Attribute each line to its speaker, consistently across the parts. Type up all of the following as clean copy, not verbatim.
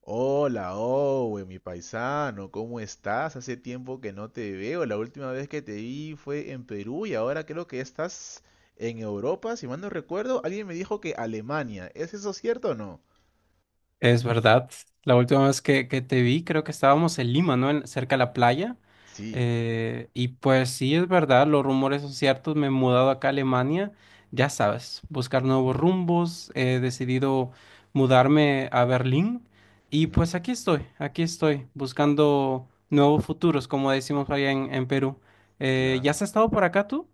Speaker 1: Hola, Owe, mi paisano, ¿cómo estás? Hace tiempo que no te veo. La última vez que te vi fue en Perú y ahora creo que estás en Europa, si mal no recuerdo. Alguien me dijo que Alemania. ¿Es eso cierto o no?
Speaker 2: Es verdad. La última vez que te vi, creo que estábamos en Lima, ¿no? Cerca de la playa.
Speaker 1: Sí,
Speaker 2: Y pues sí, es verdad, los rumores son ciertos. Me he mudado acá a Alemania, ya sabes, buscar nuevos rumbos. He decidido mudarme a Berlín. Y
Speaker 1: ujú,
Speaker 2: pues aquí estoy, buscando nuevos futuros, como decimos allá en Perú. ¿Ya
Speaker 1: claro.
Speaker 2: has estado por acá tú?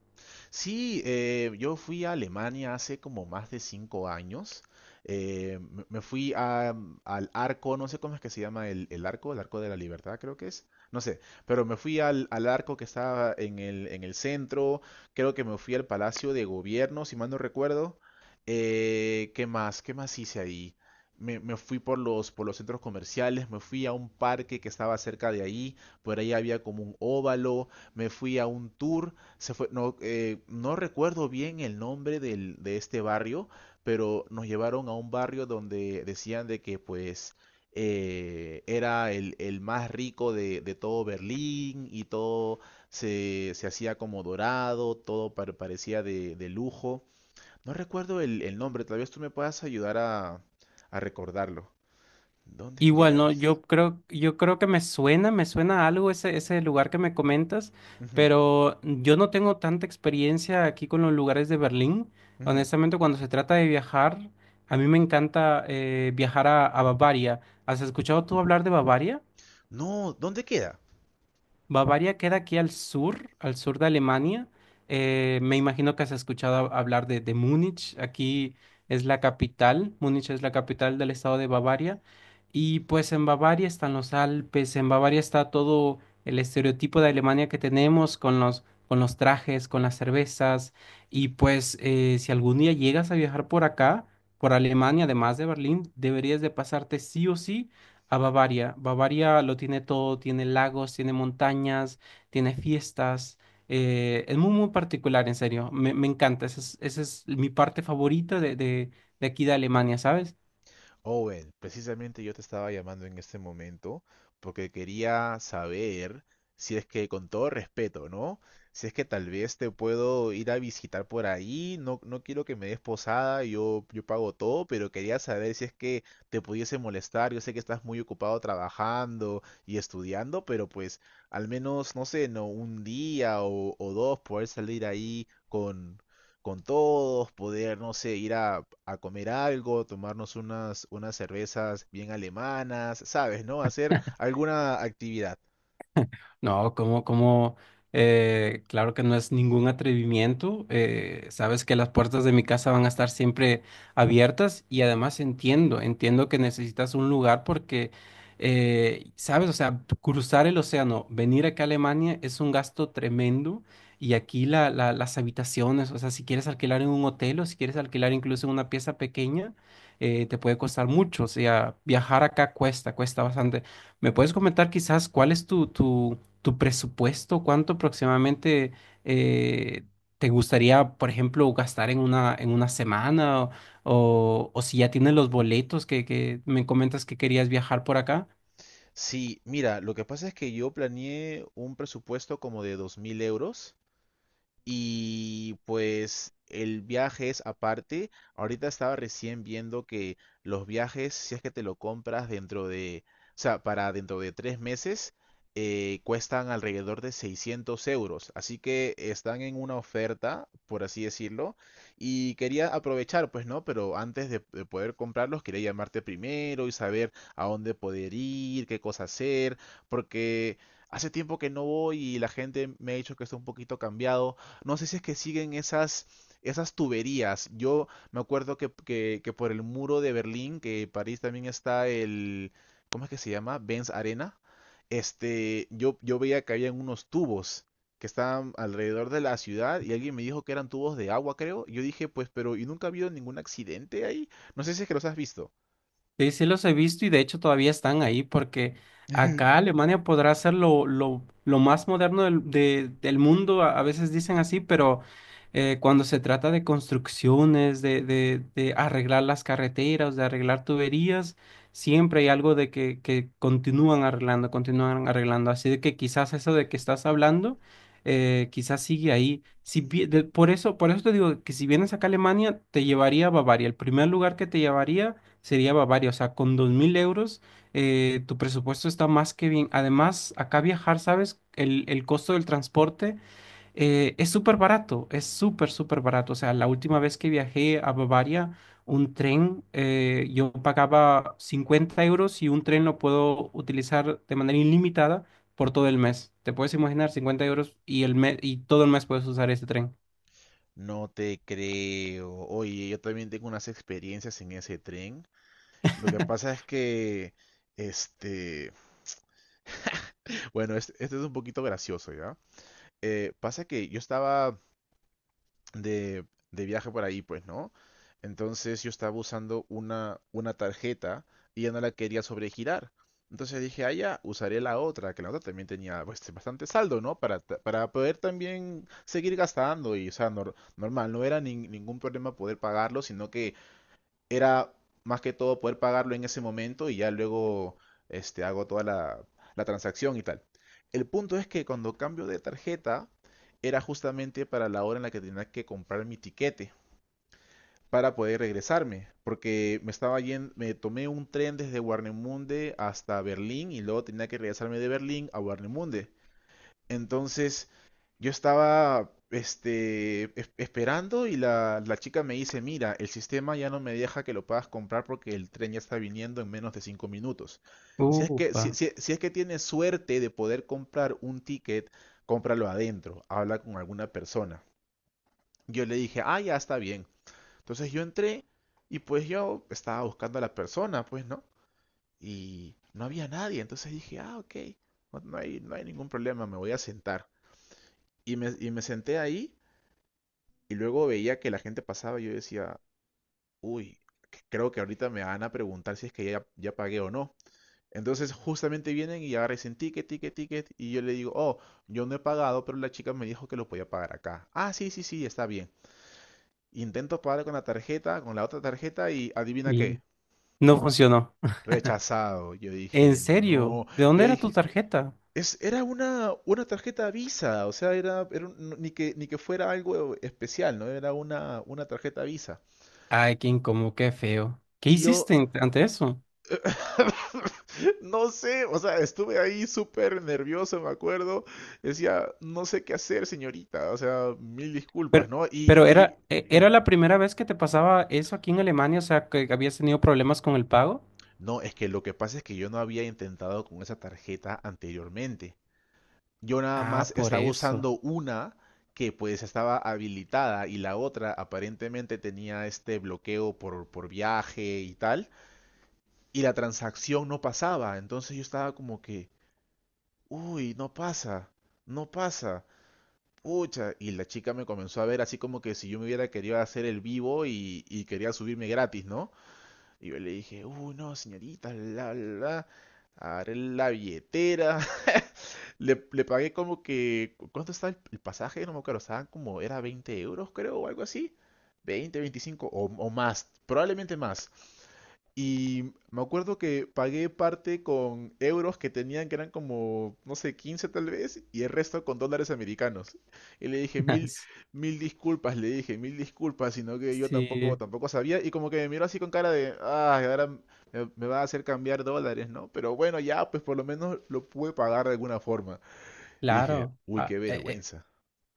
Speaker 1: Sí, yo fui a Alemania hace como más de 5 años. Me fui al arco, no sé cómo es que se llama el, arco, el arco de la libertad creo que es, no sé, pero me fui al, arco que estaba en el centro, creo que me fui al Palacio de Gobierno, si mal no recuerdo. ¿Qué más? ¿Qué más hice ahí? Me fui por los centros comerciales, me fui a un parque que estaba cerca de ahí, por ahí había como un óvalo, me fui a un tour, se fue, no, no recuerdo bien el nombre de este barrio, pero nos llevaron a un barrio donde decían de que pues era el, más rico de todo Berlín y todo se hacía como dorado, todo parecía de, lujo. No recuerdo el nombre, tal vez tú me puedas ayudar a recordarlo. ¿Dónde es que
Speaker 2: Igual,
Speaker 1: era
Speaker 2: no,
Speaker 1: eso?
Speaker 2: yo creo que me suena algo ese lugar que me comentas,
Speaker 1: Ujú,
Speaker 2: pero yo no tengo tanta experiencia aquí con los lugares de Berlín.
Speaker 1: ujú.
Speaker 2: Honestamente, cuando se trata de viajar, a mí me encanta viajar a Bavaria. ¿Has escuchado tú hablar de Bavaria?
Speaker 1: No, ¿dónde queda?
Speaker 2: Bavaria queda aquí al sur de Alemania. Me imagino que has escuchado hablar de Múnich. Aquí es la capital. Múnich es la capital del estado de Bavaria. Y pues en Bavaria están los Alpes, en Bavaria está todo el estereotipo de Alemania que tenemos con los trajes, con las cervezas. Y pues si algún día llegas a viajar por acá, por Alemania, además de Berlín, deberías de pasarte sí o sí a Bavaria. Bavaria lo tiene todo, tiene lagos, tiene montañas, tiene fiestas. Es muy, muy particular, en serio. Me encanta. Esa es mi parte favorita de aquí de Alemania, ¿sabes?
Speaker 1: Owen, precisamente yo te estaba llamando en este momento porque quería saber si es que con todo respeto, ¿no? Si es que tal vez te puedo ir a visitar por ahí, no, no quiero que me des posada, yo, pago todo, pero quería saber si es que te pudiese molestar, yo sé que estás muy ocupado trabajando y estudiando, pero pues al menos, no sé, no un día o, dos poder salir ahí con todos, poder, no sé, ir a, comer algo, tomarnos unas cervezas bien alemanas, ¿sabes? ¿No? Hacer alguna actividad.
Speaker 2: No, claro que no es ningún atrevimiento. Sabes que las puertas de mi casa van a estar siempre abiertas y además entiendo, entiendo que necesitas un lugar porque, sabes, o sea, cruzar el océano, venir acá a Alemania es un gasto tremendo y aquí las habitaciones, o sea, si quieres alquilar en un hotel o si quieres alquilar incluso en una pieza pequeña, te puede costar mucho. O sea, viajar acá cuesta, cuesta bastante. ¿Me puedes comentar quizás cuál es tu presupuesto, cuánto aproximadamente eh, te gustaría, por ejemplo, gastar en una semana o si ya tienes los boletos que me comentas que querías viajar por acá?
Speaker 1: Sí, mira, lo que pasa es que yo planeé un presupuesto como de 2.000 euros. Y pues el viaje es aparte. Ahorita estaba recién viendo que los viajes, si es que te lo compras dentro de, o sea, para dentro de 3 meses, cuestan alrededor de 600 euros. Así que están en una oferta, por así decirlo. Y quería aprovechar, pues no, pero antes de, poder comprarlos, quería llamarte primero y saber a dónde poder ir, qué cosa hacer, porque hace tiempo que no voy y la gente me ha dicho que está un poquito cambiado. No sé si es que siguen esas, tuberías. Yo me acuerdo que, que por el muro de Berlín, que París también está el, ¿cómo es que se llama? Benz Arena. Yo veía que habían unos tubos que estaban alrededor de la ciudad y alguien me dijo que eran tubos de agua, creo. Yo dije, pues, pero ¿y nunca ha habido ningún accidente ahí? No sé si es que los has visto.
Speaker 2: Sí, sí los he visto y de hecho todavía están ahí porque acá Alemania podrá ser lo más moderno del mundo, a veces dicen así, pero cuando se trata de construcciones, de arreglar las carreteras, de arreglar tuberías, siempre hay algo de que continúan arreglando, continúan arreglando. Así de que quizás eso de que estás hablando, quizás sigue ahí. Si, vi- de- Por eso, por eso te digo que si vienes acá a Alemania, te llevaría a Bavaria. El primer lugar que te llevaría sería Bavaria. O sea, con 2000 € tu presupuesto está más que bien. Además, acá viajar, ¿sabes? El costo del transporte es súper barato, es súper, súper barato. O sea, la última vez que viajé a Bavaria, un tren, yo pagaba 50 € y un tren lo puedo utilizar de manera ilimitada por todo el mes. Te puedes imaginar 50 € y, el mes, y todo el mes puedes usar ese tren.
Speaker 1: No te creo. Oye, yo también tengo unas experiencias en ese tren. Lo que pasa es que, este, bueno, este es un poquito gracioso, ¿ya? Pasa que yo estaba de, viaje por ahí, pues, ¿no? Entonces yo estaba usando una tarjeta y ya no la quería sobregirar. Entonces dije, ah, ya, usaré la otra, que la otra también tenía pues, bastante saldo, ¿no? Para poder también seguir gastando y, o sea, normal, no era ningún problema poder pagarlo, sino que era más que todo poder pagarlo en ese momento y ya luego hago toda la, transacción y tal. El punto es que cuando cambio de tarjeta era justamente para la hora en la que tenía que comprar mi tiquete para poder regresarme, porque me estaba yendo, me tomé un tren desde Warnemunde hasta Berlín y luego tenía que regresarme de Berlín a Warnemunde. Entonces, yo estaba esperando y la chica me dice, mira, el sistema ya no me deja que lo puedas comprar porque el tren ya está viniendo en menos de 5 minutos. Si es que, si,
Speaker 2: Upa.
Speaker 1: si- si es que tienes suerte de poder comprar un ticket, cómpralo adentro, habla con alguna persona. Yo le dije, ah, ya está bien. Entonces yo entré y pues yo estaba buscando a la persona, pues, ¿no? Y no había nadie, entonces dije, ah, ok, no hay ningún problema, me voy a sentar. Y me senté ahí y luego veía que la gente pasaba y yo decía, uy, creo que ahorita me van a preguntar si es que ya, pagué o no. Entonces justamente vienen y agarran ticket, ticket, ticket y yo le digo, oh, yo no he pagado, pero la chica me dijo que lo podía pagar acá. Ah, sí, sí, sí, está bien. Intento pagar con la tarjeta, con la otra tarjeta y adivina
Speaker 2: Y
Speaker 1: qué,
Speaker 2: no funcionó.
Speaker 1: rechazado. Yo
Speaker 2: ¿En
Speaker 1: dije,
Speaker 2: serio?
Speaker 1: no.
Speaker 2: ¿De
Speaker 1: Yo
Speaker 2: dónde era tu
Speaker 1: dije,
Speaker 2: tarjeta?
Speaker 1: era una, tarjeta Visa, o sea, era ni que fuera algo especial, ¿no? Era una tarjeta Visa.
Speaker 2: Ay, qué incómodo, qué feo. ¿Qué
Speaker 1: Y yo,
Speaker 2: hiciste ante eso?
Speaker 1: no sé, o sea, estuve ahí súper nervioso, me acuerdo. Decía, no sé qué hacer, señorita, o sea, mil disculpas,
Speaker 2: Pero,
Speaker 1: ¿no? Y,
Speaker 2: pero
Speaker 1: y
Speaker 2: era, ¿era
Speaker 1: dime,
Speaker 2: la primera vez que te pasaba eso aquí en Alemania? O sea, que habías tenido problemas con el pago.
Speaker 1: no, es que lo que pasa es que yo no había intentado con esa tarjeta anteriormente. Yo nada
Speaker 2: Ah,
Speaker 1: más
Speaker 2: por
Speaker 1: estaba
Speaker 2: eso.
Speaker 1: usando una que pues estaba habilitada y la otra aparentemente tenía este bloqueo por, viaje y tal. Y la transacción no pasaba. Entonces yo estaba como que, uy, no pasa, no pasa. Pucha, y la chica me comenzó a ver así como que si yo me hubiera querido hacer el vivo y, quería subirme gratis, ¿no? Y yo le dije, uy, no, señorita, agarré la billetera. Le pagué como que, ¿cuánto estaba el, pasaje? No me acuerdo, estaban como, era 20 euros creo o algo así. 20, 25 o más, probablemente más. Y me acuerdo que pagué parte con euros que tenían, que eran como, no sé, 15 tal vez, y el resto con dólares americanos. Y le dije mil, mil disculpas, le dije mil disculpas, sino que yo tampoco,
Speaker 2: Sí,
Speaker 1: tampoco sabía. Y como que me miró así con cara de, ah, ahora me, va a hacer cambiar dólares, ¿no? Pero bueno, ya, pues por lo menos lo pude pagar de alguna forma. Y dije,
Speaker 2: claro.
Speaker 1: uy, qué vergüenza.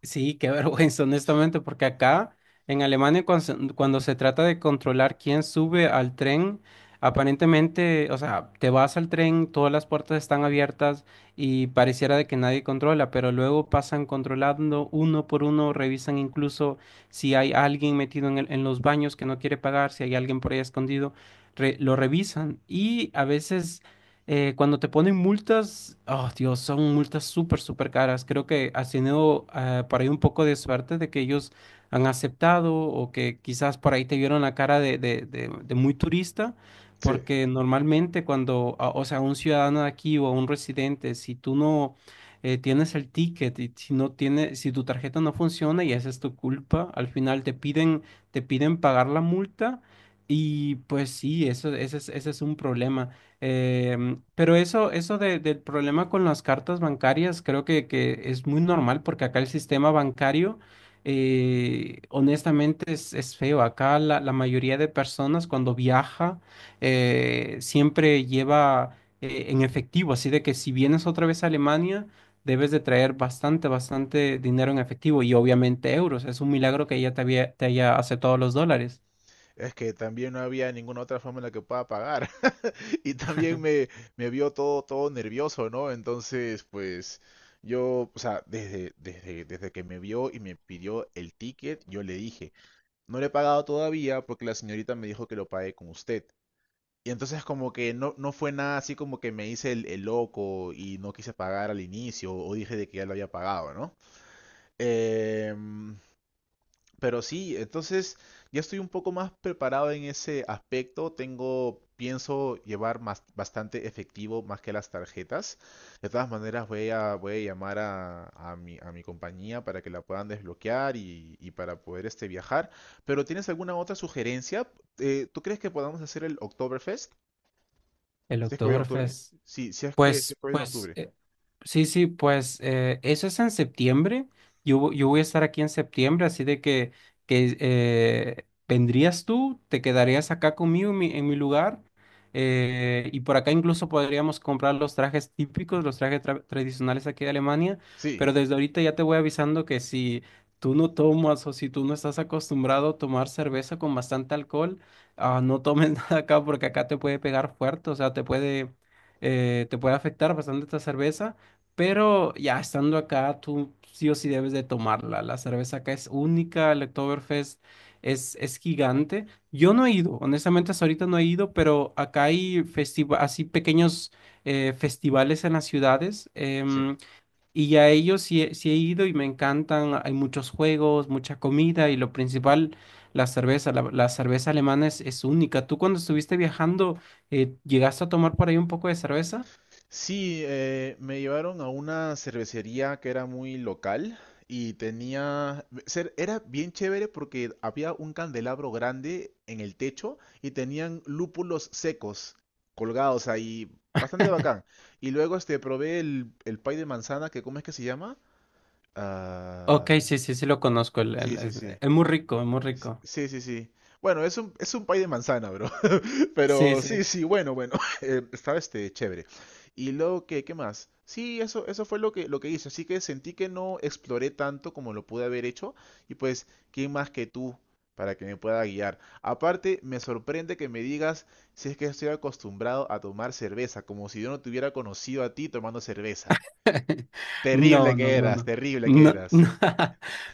Speaker 2: Sí, qué vergüenza, honestamente, porque acá en Alemania cuando cuando se trata de controlar quién sube al tren, aparentemente, o sea, te vas al tren, todas las puertas están abiertas y pareciera de que nadie controla, pero luego pasan controlando uno por uno, revisan incluso si hay alguien metido en los baños que no quiere pagar, si hay alguien por ahí escondido, lo revisan y a veces cuando te ponen multas, oh Dios, son multas súper, súper caras. Creo que has tenido por ahí un poco de suerte de que ellos han aceptado o que quizás por ahí te vieron la cara de muy turista,
Speaker 1: Sí,
Speaker 2: porque normalmente cuando, o sea, un ciudadano de aquí o un residente, si tú no tienes el ticket y si no tiene, si tu tarjeta no funciona y esa es tu culpa, al final te piden pagar la multa y pues sí, eso, ese es un problema. Pero eso del problema con las cartas bancarias, creo que es muy normal porque acá el sistema bancario, honestamente, es feo. Acá la, la mayoría de personas cuando viaja siempre lleva en efectivo, así de que si vienes otra vez a Alemania, debes de traer bastante, bastante dinero en efectivo y obviamente euros. Es un milagro que te haya aceptado los dólares.
Speaker 1: es que también no había ninguna otra forma en la que pueda pagar. Y también me, vio todo, todo nervioso, ¿no? Entonces, pues yo, o sea, desde que me vio y me pidió el ticket, yo le dije, no le he pagado todavía porque la señorita me dijo que lo pague con usted. Y entonces como que no, no fue nada así como que me hice el loco y no quise pagar al inicio o dije de que ya lo había pagado, ¿no? Em, pero sí, entonces ya estoy un poco más preparado en ese aspecto. Pienso llevar más, bastante efectivo más que las tarjetas. De todas maneras, voy a, llamar a mi compañía para que la puedan desbloquear y para poder viajar. Pero ¿tienes alguna otra sugerencia? ¿Tú crees que podamos hacer el Oktoberfest?
Speaker 2: El
Speaker 1: Si es que voy en octubre.
Speaker 2: Oktoberfest.
Speaker 1: Sí, si es que, si
Speaker 2: Pues,
Speaker 1: es que voy en
Speaker 2: pues.
Speaker 1: octubre.
Speaker 2: Sí, sí, pues eso es en septiembre. Yo, yo voy a estar aquí en septiembre, así de que vendrías tú, te quedarías acá conmigo en mi lugar. Y por acá incluso podríamos comprar los trajes típicos, los trajes tradicionales aquí de Alemania.
Speaker 1: Sí,
Speaker 2: Pero desde ahorita ya te voy avisando que si tú no tomas o si tú no estás acostumbrado a tomar cerveza con bastante alcohol, ah, no tomes nada acá porque acá te puede pegar fuerte, o sea, te puede afectar bastante esta cerveza. Pero ya estando acá, tú sí o sí debes de tomarla. La cerveza acá es única, el Oktoberfest es gigante. Yo no he ido, honestamente hasta ahorita no he ido, pero acá hay así pequeños festivales en las ciudades
Speaker 1: sí.
Speaker 2: y a ellos sí, sí he ido y me encantan. Hay muchos juegos, mucha comida y lo principal, la cerveza. La cerveza alemana es única. ¿Tú cuando estuviste viajando, llegaste a tomar por ahí un poco de cerveza?
Speaker 1: Sí, me llevaron a una cervecería que era muy local y tenía. Era bien chévere porque había un candelabro grande en el techo y tenían lúpulos secos colgados ahí. Bastante bacán. Y luego probé el, pay de manzana que, ¿cómo es que se llama? Ah,
Speaker 2: Ok, sí, sí, sí lo conozco.
Speaker 1: sí, sí, sí.
Speaker 2: Es muy rico, es muy rico.
Speaker 1: Sí, sí, sí. Bueno, es un pay de manzana, bro.
Speaker 2: Sí,
Speaker 1: Pero sí,
Speaker 2: sí.
Speaker 1: sí, bueno, bueno. Estaba chévere. Y luego, ¿qué, más? Sí, eso, fue lo que hice. Así que sentí que no exploré tanto como lo pude haber hecho. Y pues, ¿quién más que tú para que me pueda guiar? Aparte, me sorprende que me digas si es que estoy acostumbrado a tomar cerveza, como si yo no te hubiera conocido a ti tomando cerveza.
Speaker 2: No,
Speaker 1: Terrible
Speaker 2: no,
Speaker 1: que
Speaker 2: no,
Speaker 1: eras,
Speaker 2: no.
Speaker 1: terrible que
Speaker 2: No,
Speaker 1: eras.
Speaker 2: no,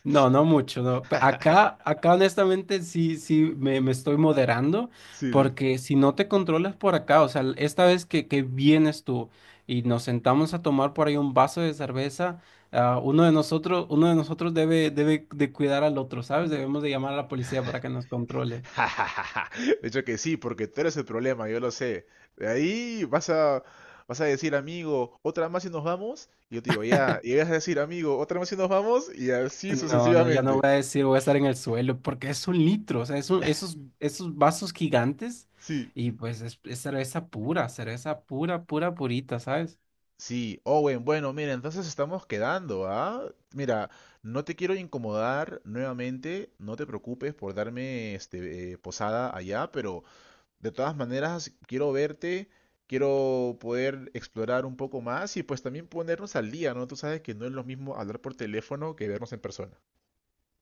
Speaker 2: no, no mucho, no. Acá, acá honestamente sí, sí, me estoy moderando
Speaker 1: Sí, sí.
Speaker 2: porque si no te controlas por acá, o sea, esta vez que vienes tú y nos sentamos a tomar por ahí un vaso de cerveza, ah, uno de nosotros debe, debe de cuidar al otro, ¿sabes? Debemos de llamar a la policía para que nos controle.
Speaker 1: De hecho que sí, porque tú eres el problema, yo lo sé. De ahí vas a decir, amigo, otra más y nos vamos. Y yo te digo, ya. Y vas a decir, amigo, otra más y nos vamos. Y así
Speaker 2: No, no, ya no voy
Speaker 1: sucesivamente.
Speaker 2: a decir, voy a estar en el suelo, porque es un litro, o sea, esos, esos vasos gigantes
Speaker 1: Sí.
Speaker 2: y pues es cerveza pura, pura, purita, ¿sabes?
Speaker 1: Sí, Owen, bueno, mira, entonces estamos quedando, ¿ah? Mira, no te quiero incomodar nuevamente, no te preocupes por darme posada allá, pero de todas maneras, quiero verte, quiero poder explorar un poco más y pues también ponernos al día, ¿no? Tú sabes que no es lo mismo hablar por teléfono que vernos en persona.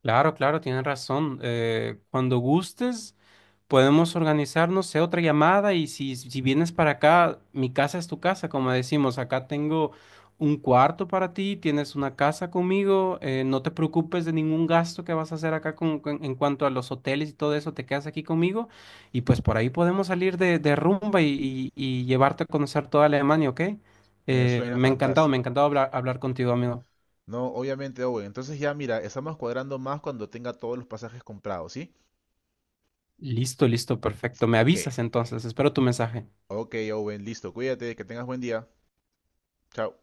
Speaker 2: Claro, claro, tienes razón. Cuando gustes. Podemos organizarnos, sé, otra llamada y si, si vienes para acá, mi casa es tu casa, como decimos, acá tengo un cuarto para ti, tienes una casa conmigo, no te preocupes de ningún gasto que vas a hacer acá en cuanto a los hoteles y todo eso, te quedas aquí conmigo y pues por ahí podemos salir de rumba y llevarte a conocer toda Alemania, ¿ok?
Speaker 1: Me
Speaker 2: Eh,
Speaker 1: suena
Speaker 2: me ha encantado, me ha
Speaker 1: fantástico.
Speaker 2: encantado hablar, hablar contigo, amigo.
Speaker 1: No, obviamente, Owen. Entonces ya mira, estamos cuadrando más cuando tenga todos los pasajes comprados, ¿sí?
Speaker 2: Listo, listo, perfecto. Me
Speaker 1: ¿Qué?
Speaker 2: avisas entonces, espero tu mensaje.
Speaker 1: Ok, Owen, listo. Cuídate, que tengas buen día. Chao.